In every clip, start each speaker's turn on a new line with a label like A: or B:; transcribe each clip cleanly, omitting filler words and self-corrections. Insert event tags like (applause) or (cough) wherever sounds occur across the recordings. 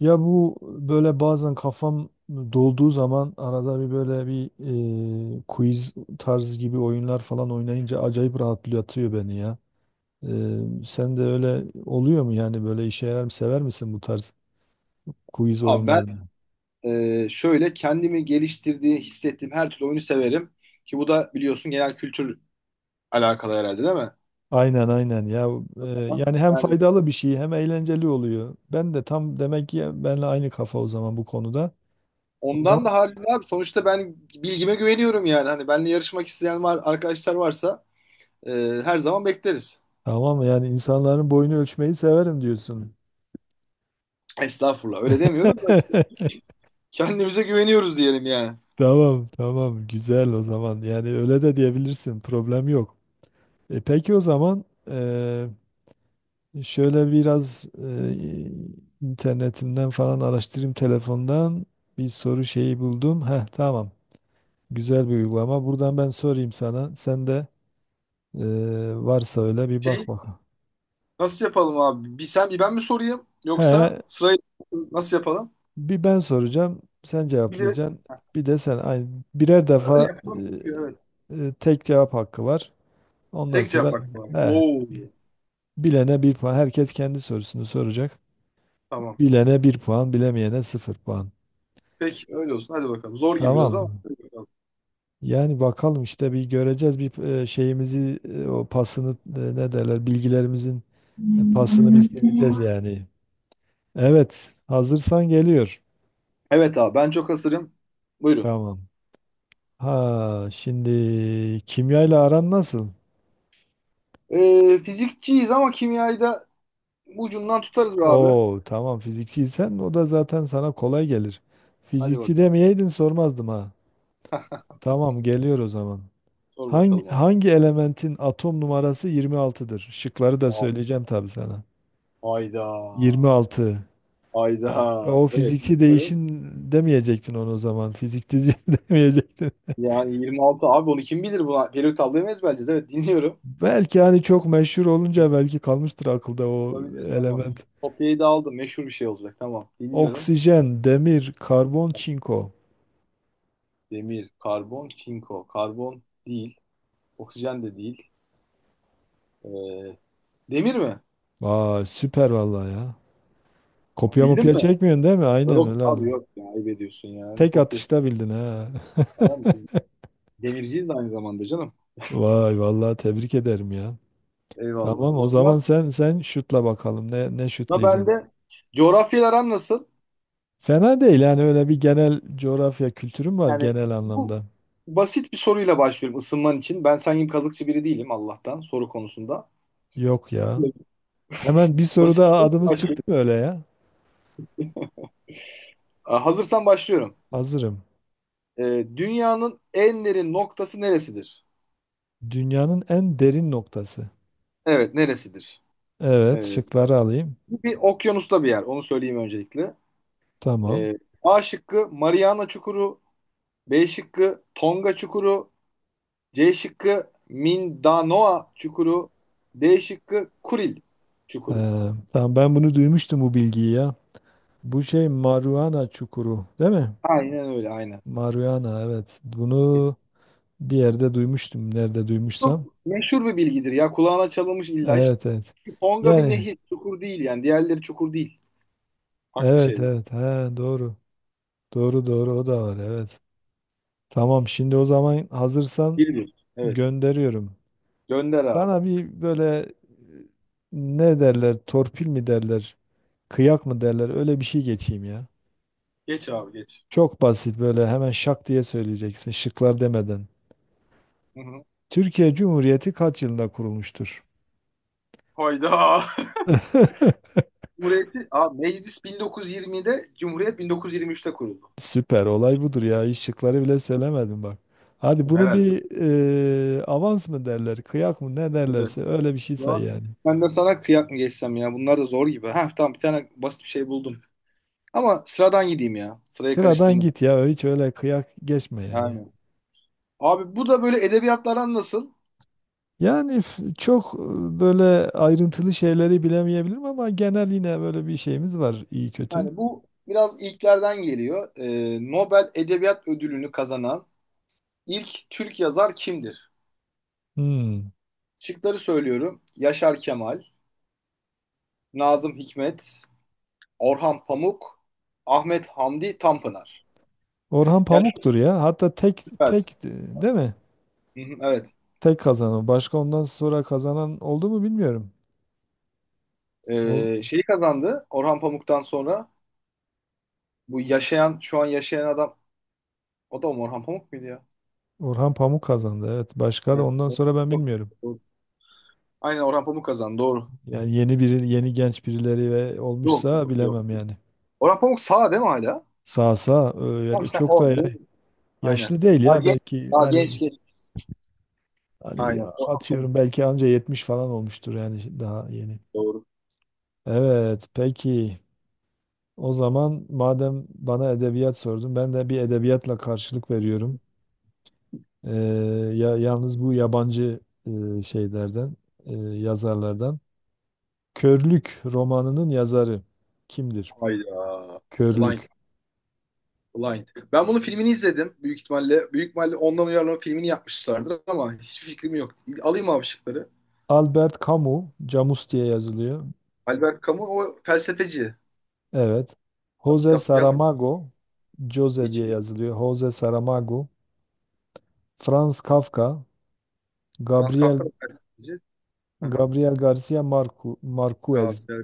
A: Ya bu böyle bazen kafam dolduğu zaman arada bir böyle bir quiz tarzı gibi oyunlar falan oynayınca acayip rahatlatıyor beni ya. Sen de öyle oluyor mu yani böyle işe yarar mı sever misin bu tarz quiz
B: Abi ben
A: oyunlarını?
B: şöyle kendimi geliştirdiği, hissettiğim her türlü oyunu severim. Ki bu da biliyorsun genel kültür alakalı herhalde değil mi?
A: Aynen aynen ya, e, yani hem
B: Yani
A: faydalı bir şey hem eğlenceli oluyor. Ben de tam demek ki benle aynı kafa o zaman bu konuda. O zaman
B: ondan da haricinde abi sonuçta ben bilgime güveniyorum yani. Hani benimle yarışmak isteyen var, arkadaşlar varsa e, her zaman bekleriz.
A: tamam, yani insanların boyunu ölçmeyi severim diyorsun.
B: Estağfurullah öyle demiyorum da işte
A: (laughs)
B: kendimize güveniyoruz diyelim yani.
A: Tamam tamam, güzel o zaman, yani öyle de diyebilirsin, problem yok. Peki o zaman e, şöyle biraz internetimden falan araştırayım telefondan bir soru şeyi buldum. Heh tamam, güzel bir uygulama buradan ben sorayım sana, sen de e, varsa öyle bir bak
B: Şey,
A: bakalım.
B: nasıl yapalım abi? Bir sen bir ben mi sorayım
A: He,
B: yoksa sırayı nasıl yapalım?
A: bir ben soracağım, sen
B: Bir de
A: cevaplayacaksın, bir de sen aynı, birer
B: öyle
A: defa
B: yapalım. Çünkü evet.
A: tek cevap hakkı var ondan
B: Tek cevap
A: sonra
B: hakkı var.
A: he.
B: Oo.
A: Bilene bir puan. Herkes kendi sorusunu soracak.
B: Tamam.
A: Bilene bir puan, bilemeyene sıfır puan.
B: Peki öyle olsun. Hadi bakalım. Zor gibi
A: Tamam
B: biraz ama,
A: mı?
B: hadi bakalım.
A: Yani bakalım işte bir göreceğiz bir şeyimizi o pasını ne derler, bilgilerimizin pasını biz sileceğiz yani. Evet, hazırsan geliyor.
B: Evet abi ben çok hazırım. Buyurun.
A: Tamam. Ha, şimdi kimyayla aran nasıl?
B: Fizikçiyiz ama kimyayı da ucundan tutarız be abi.
A: Oo, tamam, fizikçiysen o da zaten sana kolay gelir.
B: Hadi
A: Fizikçi
B: bakalım.
A: demeyeydin sormazdım ha. Tamam, geliyor o zaman.
B: Sor
A: Hangi,
B: bakalım abi.
A: hangi elementin atom numarası 26'dır? Şıkları da
B: A-
A: söyleyeceğim tabii sana.
B: Ayda.
A: 26. Bak,
B: Ayda.
A: o
B: Evet.
A: fiziki
B: Dinliyorum.
A: değişin demeyecektin onu o zaman. Fizikte (laughs) demeyecektin.
B: Yani 26 abi onu kim bilir buna? Peri tabloyu mu ezberleyeceğiz? Evet dinliyorum.
A: Belki hani çok meşhur olunca belki kalmıştır akılda o
B: Olabilir, tamam.
A: element.
B: Kopyayı da aldım. Meşhur bir şey olacak. Tamam dinliyorum.
A: Oksijen, demir, karbon, çinko.
B: Demir, karbon, çinko. Karbon değil. Oksijen de değil. Ee, demir mi?
A: Vay süper vallahi ya. Kopya
B: Bildin
A: mopya
B: mi?
A: çekmiyorsun değil mi? Aynen
B: Yok
A: öyle.
B: abi yok ya, ayıp ediyorsun ya. Hani
A: Tek
B: kopya
A: atışta bildin ha.
B: tamam mı? Biz demirciyiz de aynı zamanda canım.
A: (laughs) Vay vallahi tebrik ederim ya.
B: Eyvallah.
A: Tamam, o
B: O
A: zaman
B: zaman
A: sen şutla bakalım ne
B: da ben
A: şutlayacaksın.
B: de coğrafyalar aran nasıl?
A: Fena değil, yani öyle bir genel coğrafya kültürüm var
B: Yani
A: genel
B: bu
A: anlamda.
B: basit bir soruyla başlıyorum ısınman için. Ben sen gibi kazıkçı biri değilim Allah'tan soru konusunda.
A: Yok ya. Hemen bir
B: Basit
A: soruda
B: bir soruyla
A: adımız çıktı
B: başlıyorum.
A: mı öyle ya?
B: Aa, hazırsan başlıyorum.
A: Hazırım.
B: Dünyanın en derin noktası neresidir?
A: Dünyanın en derin noktası.
B: Evet neresidir?
A: Evet,
B: Ee,
A: şıkları alayım.
B: bu bir okyanusta bir yer. Onu söyleyeyim öncelikle.
A: Tamam.
B: Ee, A şıkkı Mariana Çukuru, B şıkkı Tonga Çukuru. C şıkkı Mindanoa Çukuru. D şıkkı Kuril Çukuru.
A: Ee, tamam, ben bunu duymuştum bu bilgiyi ya. Bu şey Mariana Çukuru, değil mi?
B: Aynen öyle, aynen.
A: Mariana, evet. Bunu bir yerde duymuştum. Nerede
B: Çok
A: duymuşsam.
B: meşhur bir bilgidir ya. Kulağına çalınmış illa. Hiç.
A: Evet, evet.
B: Tonga bir
A: Yani
B: nehir. Çukur değil yani. Diğerleri çukur değil. Farklı
A: evet
B: şeyler.
A: evet, he, doğru. Doğru doğru, o da var, evet. Tamam, şimdi o zaman hazırsan
B: Bir bir. Evet.
A: gönderiyorum.
B: Gönder abi.
A: Bana bir böyle ne derler, torpil mi derler, kıyak mı derler, öyle bir şey geçeyim ya.
B: Geç abi geç.
A: Çok basit, böyle hemen şak diye söyleyeceksin şıklar demeden.
B: Hı hı.
A: Türkiye Cumhuriyeti kaç yılında kurulmuştur?
B: Hayda. (laughs) Cumhuriyeti, abi, meclis 1920'de, Cumhuriyet 1923'te kuruldu.
A: Süper, olay budur ya, hiç şıkları bile söylemedim bak. Hadi bunu
B: Herhalde.
A: bir avans mı derler, kıyak mı, ne
B: Evet.
A: derlerse öyle bir şey say
B: Ulan,
A: yani.
B: ben de sana kıyak mı geçsem ya? Bunlar da zor gibi. Heh tamam, bir tane basit bir şey buldum. Ama sıradan gideyim ya. Sırayı
A: Sıradan
B: karıştırma.
A: git ya, hiç öyle kıyak geçme yani.
B: Aynen. Abi bu da böyle edebiyatlardan nasıl?
A: Yani çok böyle ayrıntılı şeyleri bilemeyebilirim, ama genel yine böyle bir şeyimiz var iyi kötü.
B: Yani bu biraz ilklerden geliyor. Nobel Edebiyat Ödülünü kazanan ilk Türk yazar kimdir?
A: Hmm.
B: Şıkları söylüyorum. Yaşar Kemal, Nazım Hikmet, Orhan Pamuk, Ahmet Hamdi Tanpınar.
A: Orhan
B: Yani
A: Pamuk'tur ya. Hatta tek tek
B: evet.
A: değil mi?
B: Hı hı, evet.
A: Tek kazanan. Başka ondan sonra kazanan oldu mu bilmiyorum. Ol-
B: Şeyi kazandı Orhan Pamuk'tan sonra. Bu yaşayan, şu an yaşayan adam o da mı Orhan Pamuk muydu ya?
A: Orhan Pamuk kazandı. Evet. Başka da
B: Evet,
A: ondan
B: evet.
A: sonra ben
B: Yok.
A: bilmiyorum.
B: Aynen Orhan Pamuk kazandı. Doğru.
A: Yani yeni biri, yeni genç birileri ve
B: Yok
A: olmuşsa
B: yok yok.
A: bilemem yani.
B: Orhan Pamuk sağ değil mi hala?
A: Sağ sağ,
B: Tamam
A: öyle
B: sen
A: çok da
B: o değil mi? Aynen.
A: yaşlı değil
B: Daha
A: ya
B: genç,
A: belki,
B: daha genç
A: hani,
B: genç.
A: hani
B: Aynen. Orhan
A: atıyorum
B: Pamuk.
A: belki anca 70 falan olmuştur yani daha yeni.
B: Doğru.
A: Evet, peki. O zaman madem bana edebiyat sordun, ben de bir edebiyatla karşılık veriyorum. Ee, Ya yalnız bu yabancı şeylerden, yazarlardan. Körlük romanının yazarı kimdir?
B: Hayda. Blind.
A: Körlük.
B: Blind. Ben bunun filmini izledim. Büyük ihtimalle. Büyük ihtimalle ondan uyarlama filmini yapmışlardır ama hiçbir fikrim yok. Alayım abi şıkları.
A: Albert Camus, Camus diye yazılıyor.
B: Albert Camus o felsefeci.
A: Evet. Jose
B: Kitap yazmış.
A: Saramago, Jose diye
B: Hiçbir.
A: yazılıyor. Jose Saramago, Franz Kafka,
B: Franz Kafka
A: Gabriel
B: da felsefeci. Aha.
A: Gabriel Garcia Marcu, Marquez.
B: Kafka,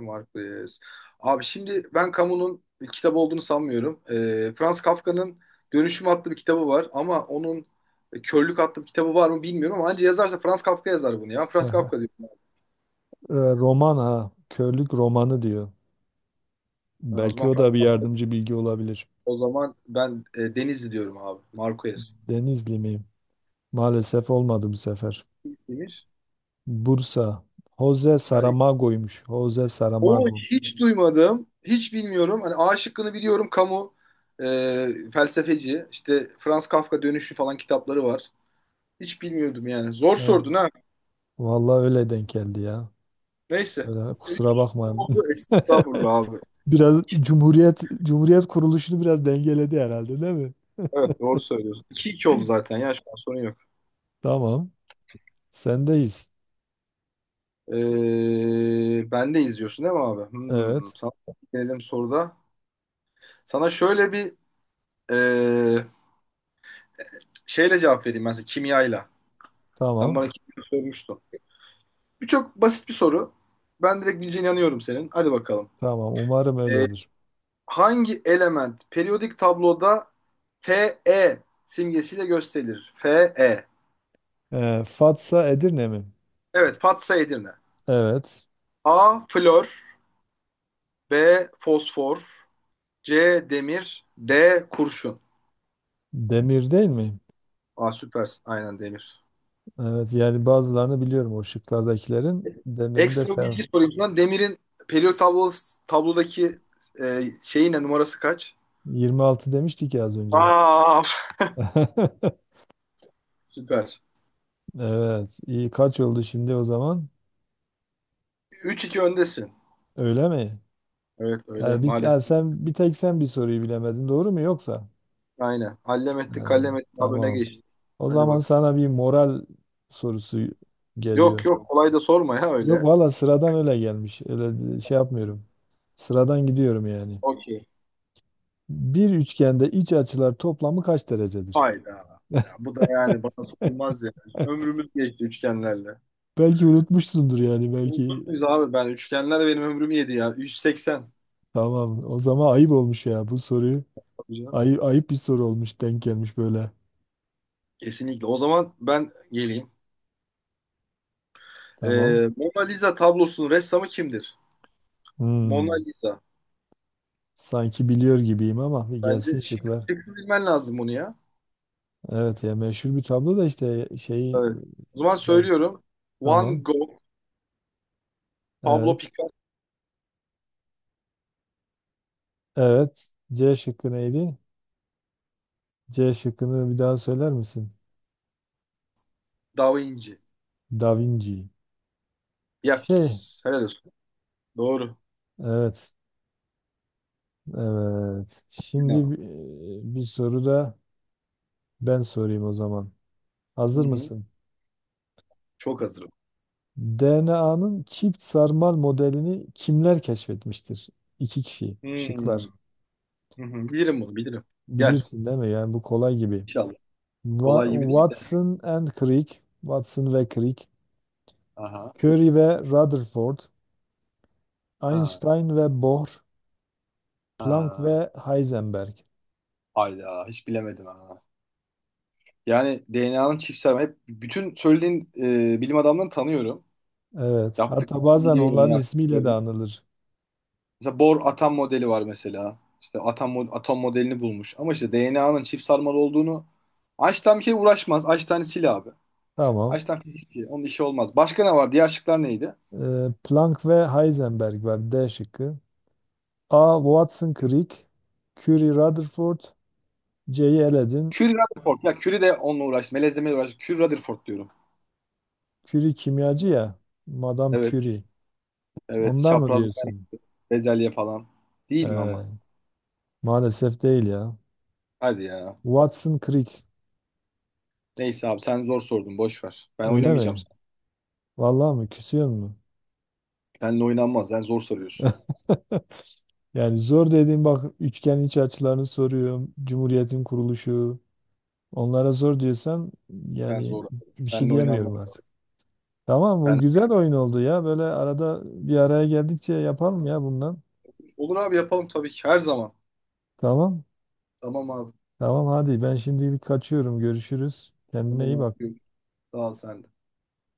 B: Marquez. Abi şimdi ben Camus'un kitap olduğunu sanmıyorum. Franz Kafka'nın Dönüşüm adlı bir kitabı var ama onun Körlük adlı bir kitabı var mı bilmiyorum ama anca yazarsa Franz Kafka yazar bunu ya. Franz
A: Aha.
B: Kafka diyorum.
A: Roman ha. Körlük romanı diyor.
B: Ha, o
A: Belki
B: zaman
A: o
B: Franz
A: da bir
B: Kafka.
A: yardımcı bilgi olabilir.
B: O zaman ben Deniz diyorum abi. Marquez.
A: Denizli miyim? Maalesef olmadı bu sefer.
B: Demiş.
A: Bursa. Jose
B: Hayır.
A: Saramago'ymuş. Jose
B: Onu
A: Saramago.
B: hiç duymadım. Hiç bilmiyorum. Hani A şıkkını biliyorum. Camus felsefeci. İşte Franz Kafka Dönüşüm falan kitapları var. Hiç bilmiyordum yani. Zor
A: Evet.
B: sordun ha.
A: Vallahi öyle denk geldi ya.
B: Neyse.
A: Öyle, kusura
B: Üç
A: bakmayın.
B: oldu.
A: (laughs)
B: Estağfurullah abi.
A: Biraz Cumhuriyet kuruluşunu biraz dengeledi herhalde değil mi?
B: Evet doğru söylüyorsun. 2 iki oldu zaten ya, şu an sorun yok.
A: Tamam. Sendeyiz.
B: Ben de izliyorsun değil mi abi? Hmm,
A: Evet.
B: sana gelelim soruda. Sana şöyle bir ee, şeyle cevap vereyim ben size kimyayla. Sen
A: Tamam.
B: bana kimya sormuştun. Bu çok basit bir soru. Ben direkt bileceğine inanıyorum senin. Hadi bakalım.
A: Tamam. Umarım
B: Ee,
A: öyledir.
B: hangi element periyodik tabloda Fe simgesiyle gösterilir? Fe.
A: Fatsa Edirne mi?
B: Evet Fatsa Edirne.
A: Evet.
B: A. Flor. B. Fosfor. C. Demir. D. Kurşun.
A: Demir değil mi?
B: Aa süpersin. Aynen demir.
A: Evet, yani bazılarını biliyorum o şıklardakilerin. Demir'in de
B: Ekstra
A: fel.
B: bilgi sorayım sana. Demirin periyot tablosu, tablodaki şeyi ne? Numarası kaç?
A: 26 demiştik ya az önce.
B: Aa
A: (laughs)
B: süper.
A: Evet. İyi, kaç oldu şimdi o zaman?
B: Üç iki öndesin.
A: Öyle mi?
B: Evet öyle
A: Yani bir, ha,
B: maalesef.
A: sen bir tek, sen bir soruyu bilemedin, doğru mu yoksa?
B: Aynen. Hallem ettin
A: Ha,
B: kallem ettin abi, öne
A: tamam.
B: geçtin.
A: O
B: Hadi
A: zaman
B: bakalım.
A: sana bir moral sorusu
B: Yok
A: geliyor.
B: yok kolay da sorma ya
A: Yok
B: öyle.
A: valla, sıradan öyle gelmiş. Öyle şey yapmıyorum. Sıradan gidiyorum yani.
B: Okey.
A: Bir üçgende iç açılar toplamı kaç derecedir?
B: Hayda. Ya,
A: (laughs)
B: bu da yani bana sorulmaz ya. Ömrümüz geçti üçgenlerle.
A: Belki unutmuşsundur yani
B: Unutur
A: belki.
B: muyuz abi ben? Üçgenler benim ömrümü yedi ya. 380.
A: Tamam. O zaman ayıp olmuş ya bu soruyu.
B: Biliyorum.
A: Ayıp, ayıp bir soru olmuş, denk gelmiş böyle.
B: Kesinlikle. O zaman ben geleyim.
A: Tamam.
B: Mona Lisa tablosunun ressamı kimdir? Mona
A: Hmm.
B: Lisa.
A: Sanki biliyor gibiyim ama bir
B: Bence
A: gelsin
B: şık,
A: şıklar.
B: şıksız bilmen lazım bunu ya.
A: Evet ya, meşhur bir tablo da işte şeyi
B: Evet. O zaman
A: bak
B: söylüyorum. Van
A: tamam.
B: Gogh, Pablo
A: Evet.
B: Picasso,
A: Evet. C şıkkı neydi? C şıkkını bir daha söyler misin?
B: Da Vinci.
A: Da Vinci. Şey,
B: Yaps. Helal olsun. Doğru.
A: evet. Evet. Şimdi
B: İnanın.
A: bir soru da ben sorayım o zaman.
B: Hı
A: Hazır
B: hı.
A: mısın?
B: Çok hazırım.
A: DNA'nın çift sarmal modelini kimler keşfetmiştir? İki kişi.
B: Hmm.
A: Şıklar.
B: Hı hı. Bilirim bunu, bilirim. Gel.
A: Bilirsin değil mi? Yani bu kolay gibi.
B: İnşallah. Kolay gibi değil de.
A: Watson and Crick. Watson ve Crick.
B: Aha.
A: Curie ve Rutherford.
B: Ha.
A: Einstein ve Bohr. Planck
B: Ha.
A: ve Heisenberg.
B: Hayda. Hiç bilemedim ha. Yani DNA'nın çiftsel hep bütün söylediğin bilim adamlarını tanıyorum.
A: Evet. Hatta
B: Yaptıklarını
A: bazen
B: biliyorum, ne
A: onların ismiyle de
B: yaptıklarını.
A: anılır.
B: Mesela Bohr atom modeli var mesela. İşte atom atom modelini bulmuş. Ama işte DNA'nın çift sarmal olduğunu Einstein bir kere uğraşmaz. Einstein'ı sil abi.
A: Tamam.
B: Einstein fizikçi. Onun işi olmaz. Başka ne var? Diğer şıklar neydi?
A: Planck ve Heisenberg var D şıkkı. A. Watson Crick, Curie Rutherford, C'yi eledin.
B: Curie Rutherford. Ya Curie de onunla uğraştı. Melezlemeyle uğraştı. Curie Rutherford diyorum.
A: Curie kimyacı ya. Madame
B: Evet.
A: Curie.
B: Evet.
A: Ondan mı
B: Çapraz
A: diyorsun?
B: bezelye falan. Değil mi ama?
A: Ee, Maalesef değil ya.
B: Hadi ya.
A: Watson Crick.
B: Neyse abi sen zor sordun. Boş ver. Ben
A: Öyle
B: oynamayacağım.
A: mi? Vallahi mi? Küsüyor mu?
B: Seninle oynanmaz. Sen zor soruyorsun.
A: Yani zor dediğim bak, üçgen iç açılarını soruyorum. Cumhuriyetin kuruluşu. Onlara zor diyorsan
B: Sen
A: yani
B: zor, abi.
A: bir şey
B: Seninle oynanmaz.
A: diyemiyorum artık. Tamam, bu
B: Sen...
A: güzel oyun oldu ya. Böyle arada bir araya geldikçe yapalım ya bundan.
B: Olur abi yapalım tabii ki her zaman.
A: Tamam.
B: Tamam abi.
A: Tamam, hadi ben şimdilik kaçıyorum. Görüşürüz. Kendine
B: Tamam
A: iyi bak.
B: abi. Sağ ol sen.